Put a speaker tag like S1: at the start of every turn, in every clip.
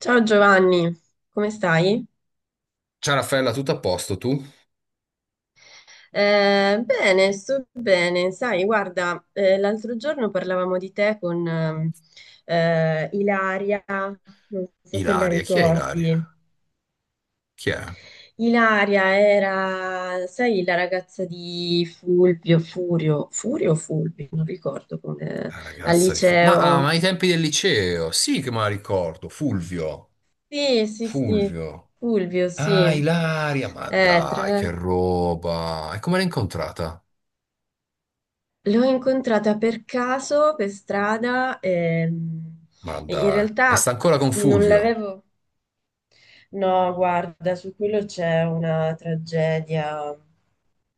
S1: Ciao Giovanni, come stai?
S2: Ciao Raffaella, tutto a posto tu?
S1: Bene, sto bene. Sai, guarda, l'altro giorno parlavamo di te con Ilaria, non so se la
S2: Ilaria, chi è Ilaria?
S1: ricordi.
S2: Chi è?
S1: Ilaria era, sai, la ragazza di Fulvio, Furio, Furio o Fulvio, non ricordo come,
S2: La
S1: al
S2: ragazza di Fulvio. Ma
S1: liceo.
S2: ai tempi del liceo, sì che me la ricordo, Fulvio,
S1: Sì, sì, sì,
S2: Fulvio.
S1: Fulvio,
S2: Ah,
S1: sì.
S2: Ilaria, ma
S1: Tra
S2: dai, che
S1: l'altro,
S2: roba. E come l'hai incontrata?
S1: l'ho incontrata per caso, per strada,
S2: Ma
S1: e in
S2: dai, e sta
S1: realtà
S2: ancora con
S1: non
S2: Fulvio?
S1: l'avevo... No, guarda, su quello c'è una tragedia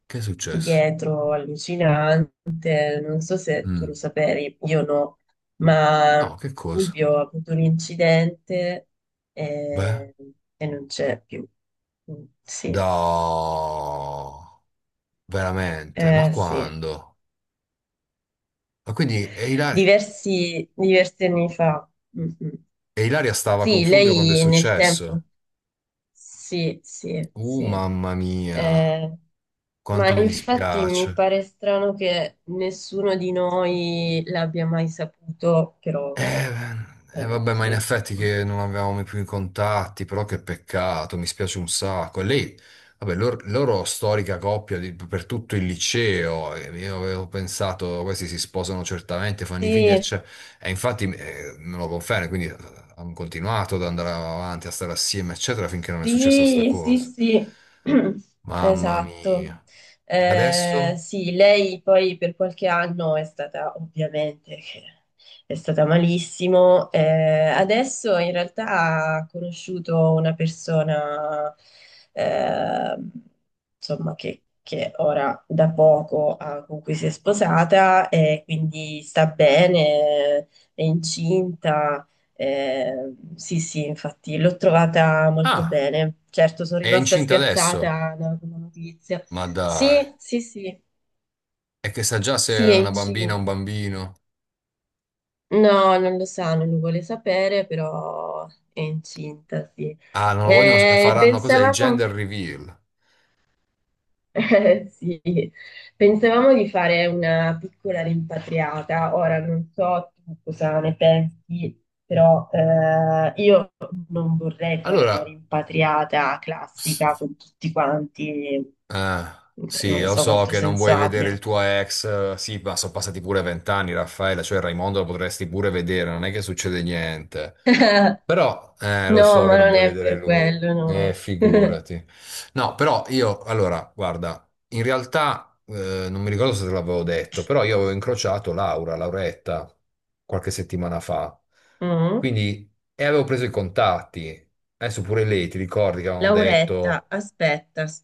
S2: Che è successo?
S1: dietro allucinante, non so se tu lo
S2: Mm.
S1: sapevi, io no, ma
S2: No, che cosa?
S1: Fulvio ha avuto un incidente
S2: Beh,
S1: e, e non c'è più. Mm, sì,
S2: no, veramente, ma
S1: sì,
S2: quando? Ma quindi, e Ilaria,
S1: diversi, diversi anni fa. Mm, mm.
S2: e Ilaria stava con
S1: Sì,
S2: Fulvio quando è
S1: lei nel
S2: successo?
S1: tempo. Sì, sì,
S2: Uh,
S1: sì.
S2: mamma mia,
S1: Eh, ma
S2: quanto mi
S1: infatti mi
S2: dispiace.
S1: pare strano che nessuno di noi l'abbia mai saputo, però
S2: E vabbè, ma in
S1: sì.
S2: effetti che non avevamo mai più i contatti, però che peccato, mi spiace un sacco. E lei, vabbè, loro storica coppia per tutto il liceo, e io avevo pensato, questi si sposano certamente, fanno i figli,
S1: Sì,
S2: eccetera. E infatti me lo conferma, quindi hanno continuato ad andare avanti, a stare assieme, eccetera, finché non è successa sta
S1: sì, sì,
S2: cosa.
S1: sì,
S2: Mamma
S1: esatto.
S2: mia. E adesso?
S1: Sì, lei poi per qualche anno è stata, ovviamente, che è stata malissimo. Adesso in realtà ha conosciuto una persona, eh, insomma, che ora da poco con cui si è sposata e quindi sta bene, è incinta. Sì, sì, infatti l'ho trovata molto
S2: Ah!
S1: bene. Certo, sono
S2: È
S1: rimasta
S2: incinta adesso?
S1: spiazzata da una notizia.
S2: Ma dai,
S1: Sì, sì, sì,
S2: è che sa già se
S1: sì,
S2: è
S1: è
S2: una bambina o un
S1: incinta.
S2: bambino.
S1: No, non lo sa, non lo vuole sapere, però è incinta, sì.
S2: Ah, non lo vogliono e
S1: Eh,
S2: faranno cos'è? Il
S1: pensavamo,
S2: gender reveal.
S1: Sì, pensavamo di fare una piccola rimpatriata. Ora non so tu cosa ne pensi, però io non vorrei fare una
S2: Allora,
S1: rimpatriata classica
S2: s-
S1: con tutti quanti.
S2: ah, sì,
S1: Non
S2: lo
S1: so
S2: so
S1: quanto
S2: che non
S1: senso
S2: vuoi vedere
S1: abbia.
S2: il tuo ex, sì, ma sono passati pure 20 anni, Raffaella, cioè Raimondo lo potresti pure vedere, non è che succede niente. Però, lo
S1: No,
S2: so che
S1: ma
S2: non
S1: non
S2: vuoi
S1: è
S2: vedere
S1: per
S2: lui,
S1: quello, no.
S2: figurati. No, però io, allora, guarda, in realtà, non mi ricordo se te l'avevo detto, però io avevo incrociato Laura, Lauretta, qualche settimana fa.
S1: Mm.
S2: Quindi, e avevo preso i contatti. Adesso pure lei, ti ricordi che avevano
S1: Lauretta,
S2: detto,
S1: aspetta,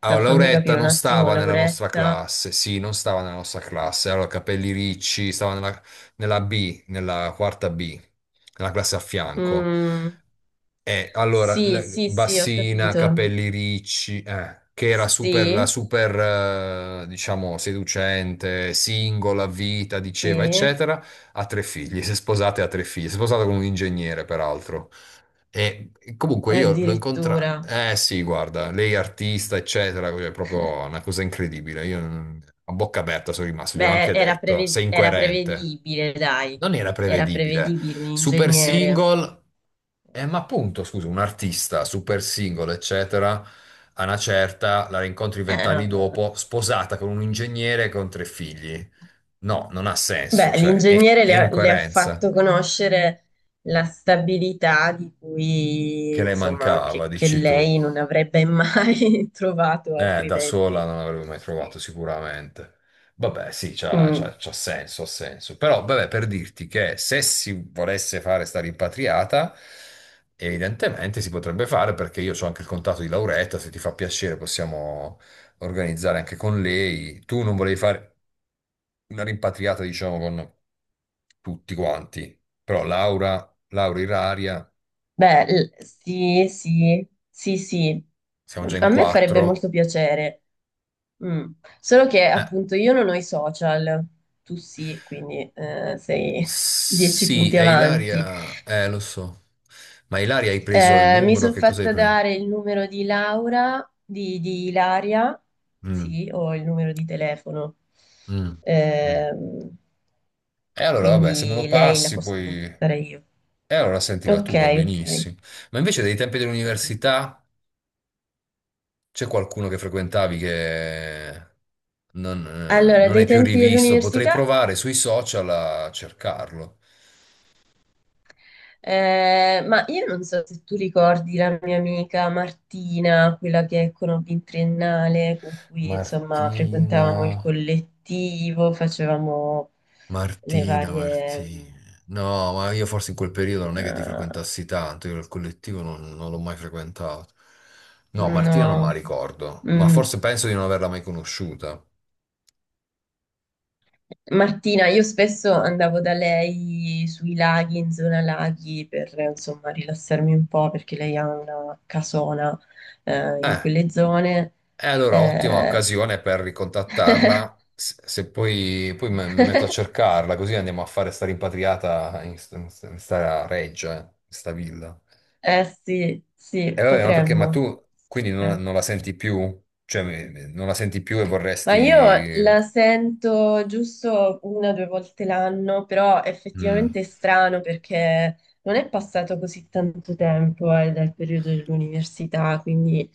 S2: ah,
S1: fammi
S2: Lauretta
S1: capire un
S2: non
S1: attimo,
S2: stava nella nostra
S1: Lauretta.
S2: classe, sì, non stava nella nostra classe, allora capelli ricci, stava nella B, nella quarta B, nella classe a fianco.
S1: Mm,
S2: Allora,
S1: sì, sì, sì, ho
S2: bassina,
S1: capito.
S2: capelli ricci, che era super, la
S1: Sì,
S2: super, diciamo, seducente, singola, vita, diceva,
S1: sì,
S2: eccetera, ha tre figli, si è sposata e ha tre figli, si è sposata con un ingegnere, peraltro. E comunque io l'ho
S1: addirittura.
S2: incontrata, eh sì, guarda, lei è artista, eccetera, cioè, è proprio una cosa incredibile, io a bocca aperta sono rimasto, gliel'ho
S1: Beh,
S2: anche detto, sei
S1: era
S2: incoerente.
S1: prevedibile, dai,
S2: Non era
S1: era
S2: prevedibile.
S1: prevedibile un
S2: Super
S1: ingegnere.
S2: single. Ma appunto, scusa, un artista super singolo, eccetera, a una certa la rincontri
S1: Eh,
S2: 20 anni dopo, sposata con un ingegnere con tre figli. No, non ha senso,
S1: Beh,
S2: cioè è,
S1: l'ingegnere
S2: è
S1: le ha
S2: incoerenza
S1: fatto conoscere la stabilità di cui,
S2: che le
S1: insomma,
S2: mancava,
S1: che
S2: dici tu.
S1: lei non avrebbe mai trovato
S2: Da sola
S1: altrimenti.
S2: non l'avrei mai trovato
S1: Sì.
S2: sicuramente. Vabbè, sì, c'ha
S1: Mm,
S2: c'ha- c'ha senso, ha senso. Però, vabbè, per dirti che se si volesse fare sta rimpatriata, evidentemente si potrebbe fare perché io ho anche il contatto di Lauretta, se ti fa piacere possiamo organizzare anche con lei. Tu non volevi fare una rimpatriata, diciamo, con tutti quanti, però Laura, Laura Iraria,
S1: beh, sì, sì, sì, sì.
S2: siamo già in
S1: A me farebbe
S2: quattro.
S1: molto piacere. Mm. Solo che
S2: Eh,
S1: appunto io non ho i social, tu sì, quindi sei dieci
S2: Sì,
S1: punti
S2: è
S1: avanti.
S2: Ilaria, lo so. Ma Ilaria hai preso il
S1: Mi
S2: numero,
S1: sono
S2: che cosa hai
S1: fatta
S2: preso?
S1: dare il numero di Laura, di Ilaria,
S2: Mm,
S1: sì, ho il numero di telefono.
S2: mm, mm.
S1: Ehm,
S2: E allora, vabbè, se me lo
S1: quindi lei la
S2: passi,
S1: posso
S2: poi.
S1: contattare io.
S2: E allora sentila
S1: Ok,
S2: tu, va
S1: ok.
S2: benissimo. Ma invece dai tempi dell'università c'è qualcuno che frequentavi che non, eh,
S1: Allora,
S2: non hai
S1: dei
S2: più
S1: tempi
S2: rivisto? Potrei
S1: dell'università.
S2: provare sui social a cercarlo.
S1: Ma io non so se tu ricordi la mia amica Martina, quella che conobbi in triennale, con cui insomma frequentavamo il
S2: Martina.
S1: collettivo, facevamo le
S2: Martina,
S1: varie...
S2: Martina. No, ma io forse in quel periodo non è che ti
S1: eh,
S2: frequentassi tanto, io il collettivo non l'ho mai frequentato. No, Martina non me
S1: no,
S2: la ricordo, ma
S1: mm.
S2: forse penso di non averla mai conosciuta.
S1: Martina, io spesso andavo da lei sui laghi, in zona laghi, per insomma rilassarmi un po', perché lei ha una casona in
S2: Eh,
S1: quelle zone.
S2: e allora ottima
S1: Eh,
S2: occasione per ricontattarla, se poi mi metto a cercarla, così andiamo a fare sta rimpatriata in sta reggia, in sta villa.
S1: Eh sì, sì,
S2: E vabbè, ma perché, ma
S1: potremmo.
S2: tu quindi
S1: Eh.
S2: non la senti più? Cioè, non la senti più e
S1: Ma io
S2: vorresti.
S1: la sento giusto una o due volte l'anno, però
S2: Mm.
S1: effettivamente è strano perché non è passato così tanto tempo, dal periodo dell'università, quindi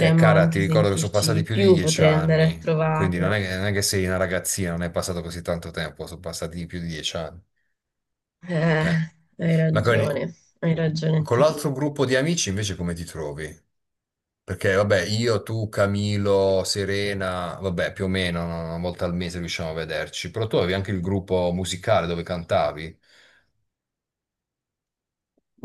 S2: Cara, ti
S1: anche
S2: ricordo che sono
S1: sentirci
S2: passati
S1: di
S2: più di
S1: più,
S2: dieci
S1: potrei andare a
S2: anni, quindi non
S1: trovarla.
S2: è, che non è che sei una ragazzina, non è passato così tanto tempo, sono passati più di 10 anni.
S1: Eh,
S2: Eh.
S1: hai
S2: Ma con,
S1: ragione, hai ragione
S2: con
S1: anche
S2: l'altro
S1: tu.
S2: gruppo di amici invece come ti trovi? Perché vabbè, io, tu, Camilo, Serena, vabbè, più o meno no, una volta al mese riusciamo a vederci, però tu avevi anche il gruppo musicale dove cantavi.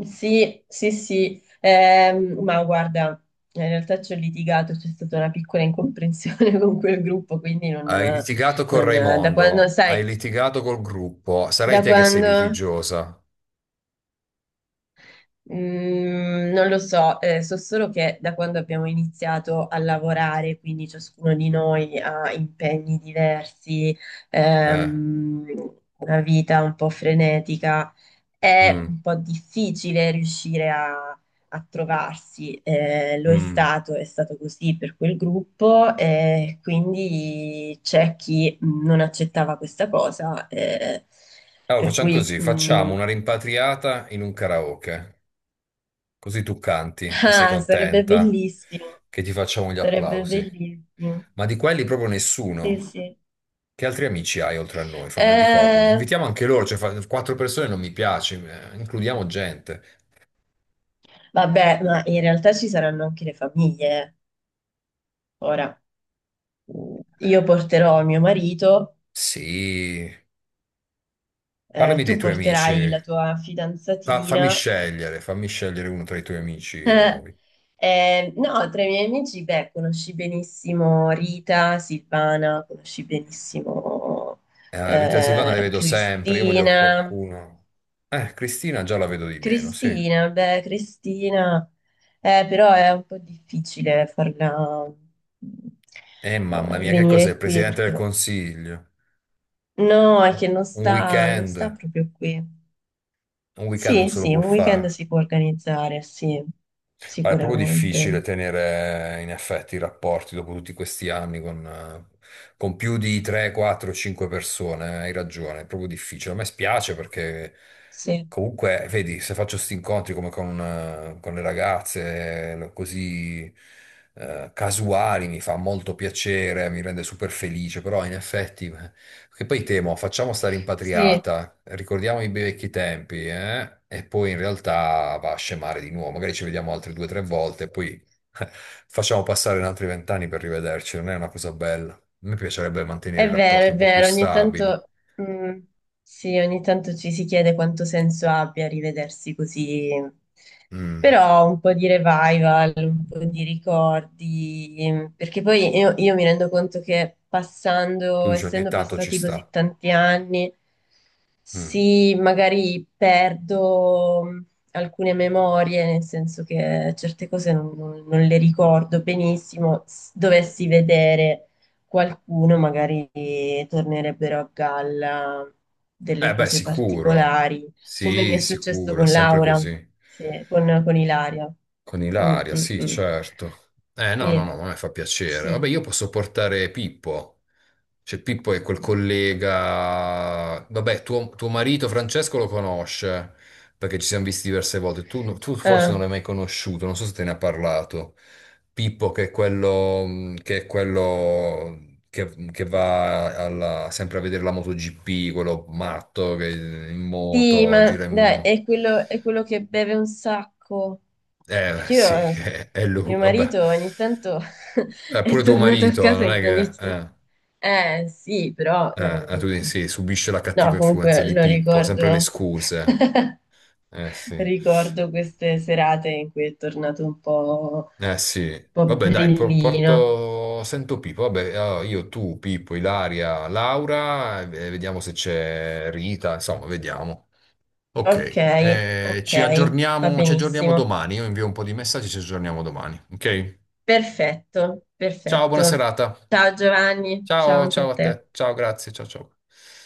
S1: Sì, sì, sì, ma guarda, in realtà ci ho litigato, c'è stata una piccola incomprensione con quel gruppo, quindi
S2: Hai litigato con
S1: da quando,
S2: Raimondo, hai
S1: sai,
S2: litigato col gruppo, sarai
S1: da
S2: te che sei
S1: quando,
S2: litigiosa.
S1: non lo so, so solo che da quando abbiamo iniziato a lavorare, quindi ciascuno di noi ha impegni diversi,
S2: Eh.
S1: una vita un po' frenetica. È
S2: Mm,
S1: un po' difficile riuscire a trovarsi, lo
S2: mm.
S1: è stato così per quel gruppo, e quindi c'è chi non accettava questa cosa,
S2: Allora,
S1: per
S2: facciamo
S1: cui
S2: così, facciamo una rimpatriata in un karaoke, così tu canti e sei
S1: ah, sarebbe
S2: contenta
S1: bellissimo,
S2: che ti facciamo gli
S1: sarebbe
S2: applausi.
S1: bellissimo.
S2: Ma di quelli proprio
S1: Sì,
S2: nessuno.
S1: sì.
S2: Che altri amici hai oltre a noi? Ricordami.
S1: Eh,
S2: Invitiamo anche loro, cioè quattro persone non mi piace, includiamo gente.
S1: vabbè, ma in realtà ci saranno anche le famiglie. Ora, io
S2: Eh,
S1: porterò mio marito,
S2: Sì, parlami
S1: tu
S2: dei tuoi amici.
S1: porterai la tua
S2: Fa-
S1: fidanzatina.
S2: fammi scegliere, fammi scegliere uno tra i tuoi amici nuovi.
S1: No, tra i miei amici, beh, conosci benissimo Rita, Silvana, conosci benissimo
S2: Rita e Silvana le vedo sempre, io voglio
S1: Cristina.
S2: qualcuno. Cristina già la vedo di meno, sì.
S1: Cristina, beh, Cristina, però è un po' difficile farla mm,
S2: Mamma mia, che cos'è?
S1: venire
S2: Il
S1: qui
S2: Presidente del
S1: perché
S2: Consiglio?
S1: no, è che non
S2: Un
S1: sta, non
S2: weekend?
S1: sta proprio qui.
S2: Un weekend non
S1: Sì,
S2: se lo
S1: sì,
S2: può
S1: un
S2: fare.
S1: weekend si può organizzare, sì,
S2: Guarda, è proprio
S1: sicuramente.
S2: difficile tenere in effetti i rapporti dopo tutti questi anni con più di 3, 4, 5 persone. Hai ragione, è proprio difficile. A me spiace perché
S1: Sì,
S2: comunque, vedi, se faccio questi incontri come con le ragazze, così casuali, mi fa molto piacere, mi rende super felice, però in effetti. Che poi temo, facciamo sta
S1: sì.
S2: rimpatriata, ricordiamo i bei vecchi tempi, eh? E poi in realtà va a scemare di nuovo, magari ci vediamo altre due o tre volte, poi facciamo passare un altri 20 anni per rivederci, non è una cosa bella. A me piacerebbe mantenere i rapporti
S1: È
S2: un po' più
S1: vero, ogni
S2: stabili.
S1: tanto, mm, sì, ogni tanto ci si chiede quanto senso abbia rivedersi così,
S2: Mm.
S1: però un po' di revival, un po' di ricordi, perché poi io mi rendo conto che
S2: Tu
S1: passando,
S2: dici ogni
S1: essendo
S2: tanto ci
S1: passati
S2: sta.
S1: così tanti anni,
S2: Mm.
S1: sì, magari perdo alcune memorie, nel senso che certe cose non le ricordo benissimo, dovessi vedere qualcuno magari tornerebbero a galla
S2: Eh
S1: delle
S2: beh,
S1: cose
S2: sicuro.
S1: particolari, come mi è
S2: Sì,
S1: successo
S2: sicuro, è
S1: con
S2: sempre
S1: Laura,
S2: così.
S1: sì, con, Ilaria.
S2: Con
S1: Mm,
S2: Ilaria,
S1: mm,
S2: sì,
S1: mm.
S2: certo. No, no,
S1: Sì,
S2: no, ma a me fa piacere.
S1: sì.
S2: Vabbè, io posso portare Pippo. Cioè, Pippo è quel collega. Vabbè, tuo marito Francesco lo conosce, perché ci siamo visti diverse volte. Tu forse non
S1: Ah,
S2: l'hai mai conosciuto, non so se te ne ha parlato. Pippo, che è quello, è quello che va sempre a vedere la MotoGP, quello matto che in
S1: sì,
S2: moto,
S1: ma
S2: gira in
S1: dai,
S2: moto.
S1: è quello che beve un sacco. Perché
S2: Sì, è lui,
S1: mio
S2: vabbè.
S1: marito ogni tanto è
S2: Pure tuo
S1: tornato a
S2: marito,
S1: casa
S2: non
S1: in
S2: è che.
S1: condizioni...
S2: Eh,
S1: Eh sì, però,
S2: eh, eh, tu dici, sì, subisce la cattiva
S1: no,
S2: influenza
S1: comunque
S2: di
S1: lo
S2: Pippo, sempre le
S1: ricordo...
S2: scuse. Eh sì.
S1: Ricordo queste serate in cui è tornato
S2: Eh sì.
S1: un po'
S2: Vabbè, dai,
S1: brillino.
S2: porto. Sento Pippo. Vabbè, allora, io, tu, Pippo, Ilaria, Laura, e vediamo se c'è Rita, insomma, vediamo.
S1: Ok,
S2: Ok. Eh,
S1: ok,
S2: ci
S1: va
S2: aggiorniamo, ci aggiorniamo
S1: benissimo.
S2: domani. Io invio un po' di messaggi, ci aggiorniamo domani. Ok?
S1: Perfetto,
S2: Ciao, buona
S1: perfetto.
S2: serata.
S1: Ciao Giovanni, ciao
S2: Ciao,
S1: anche a
S2: ciao a
S1: te.
S2: te. Ciao, grazie. Ciao, ciao.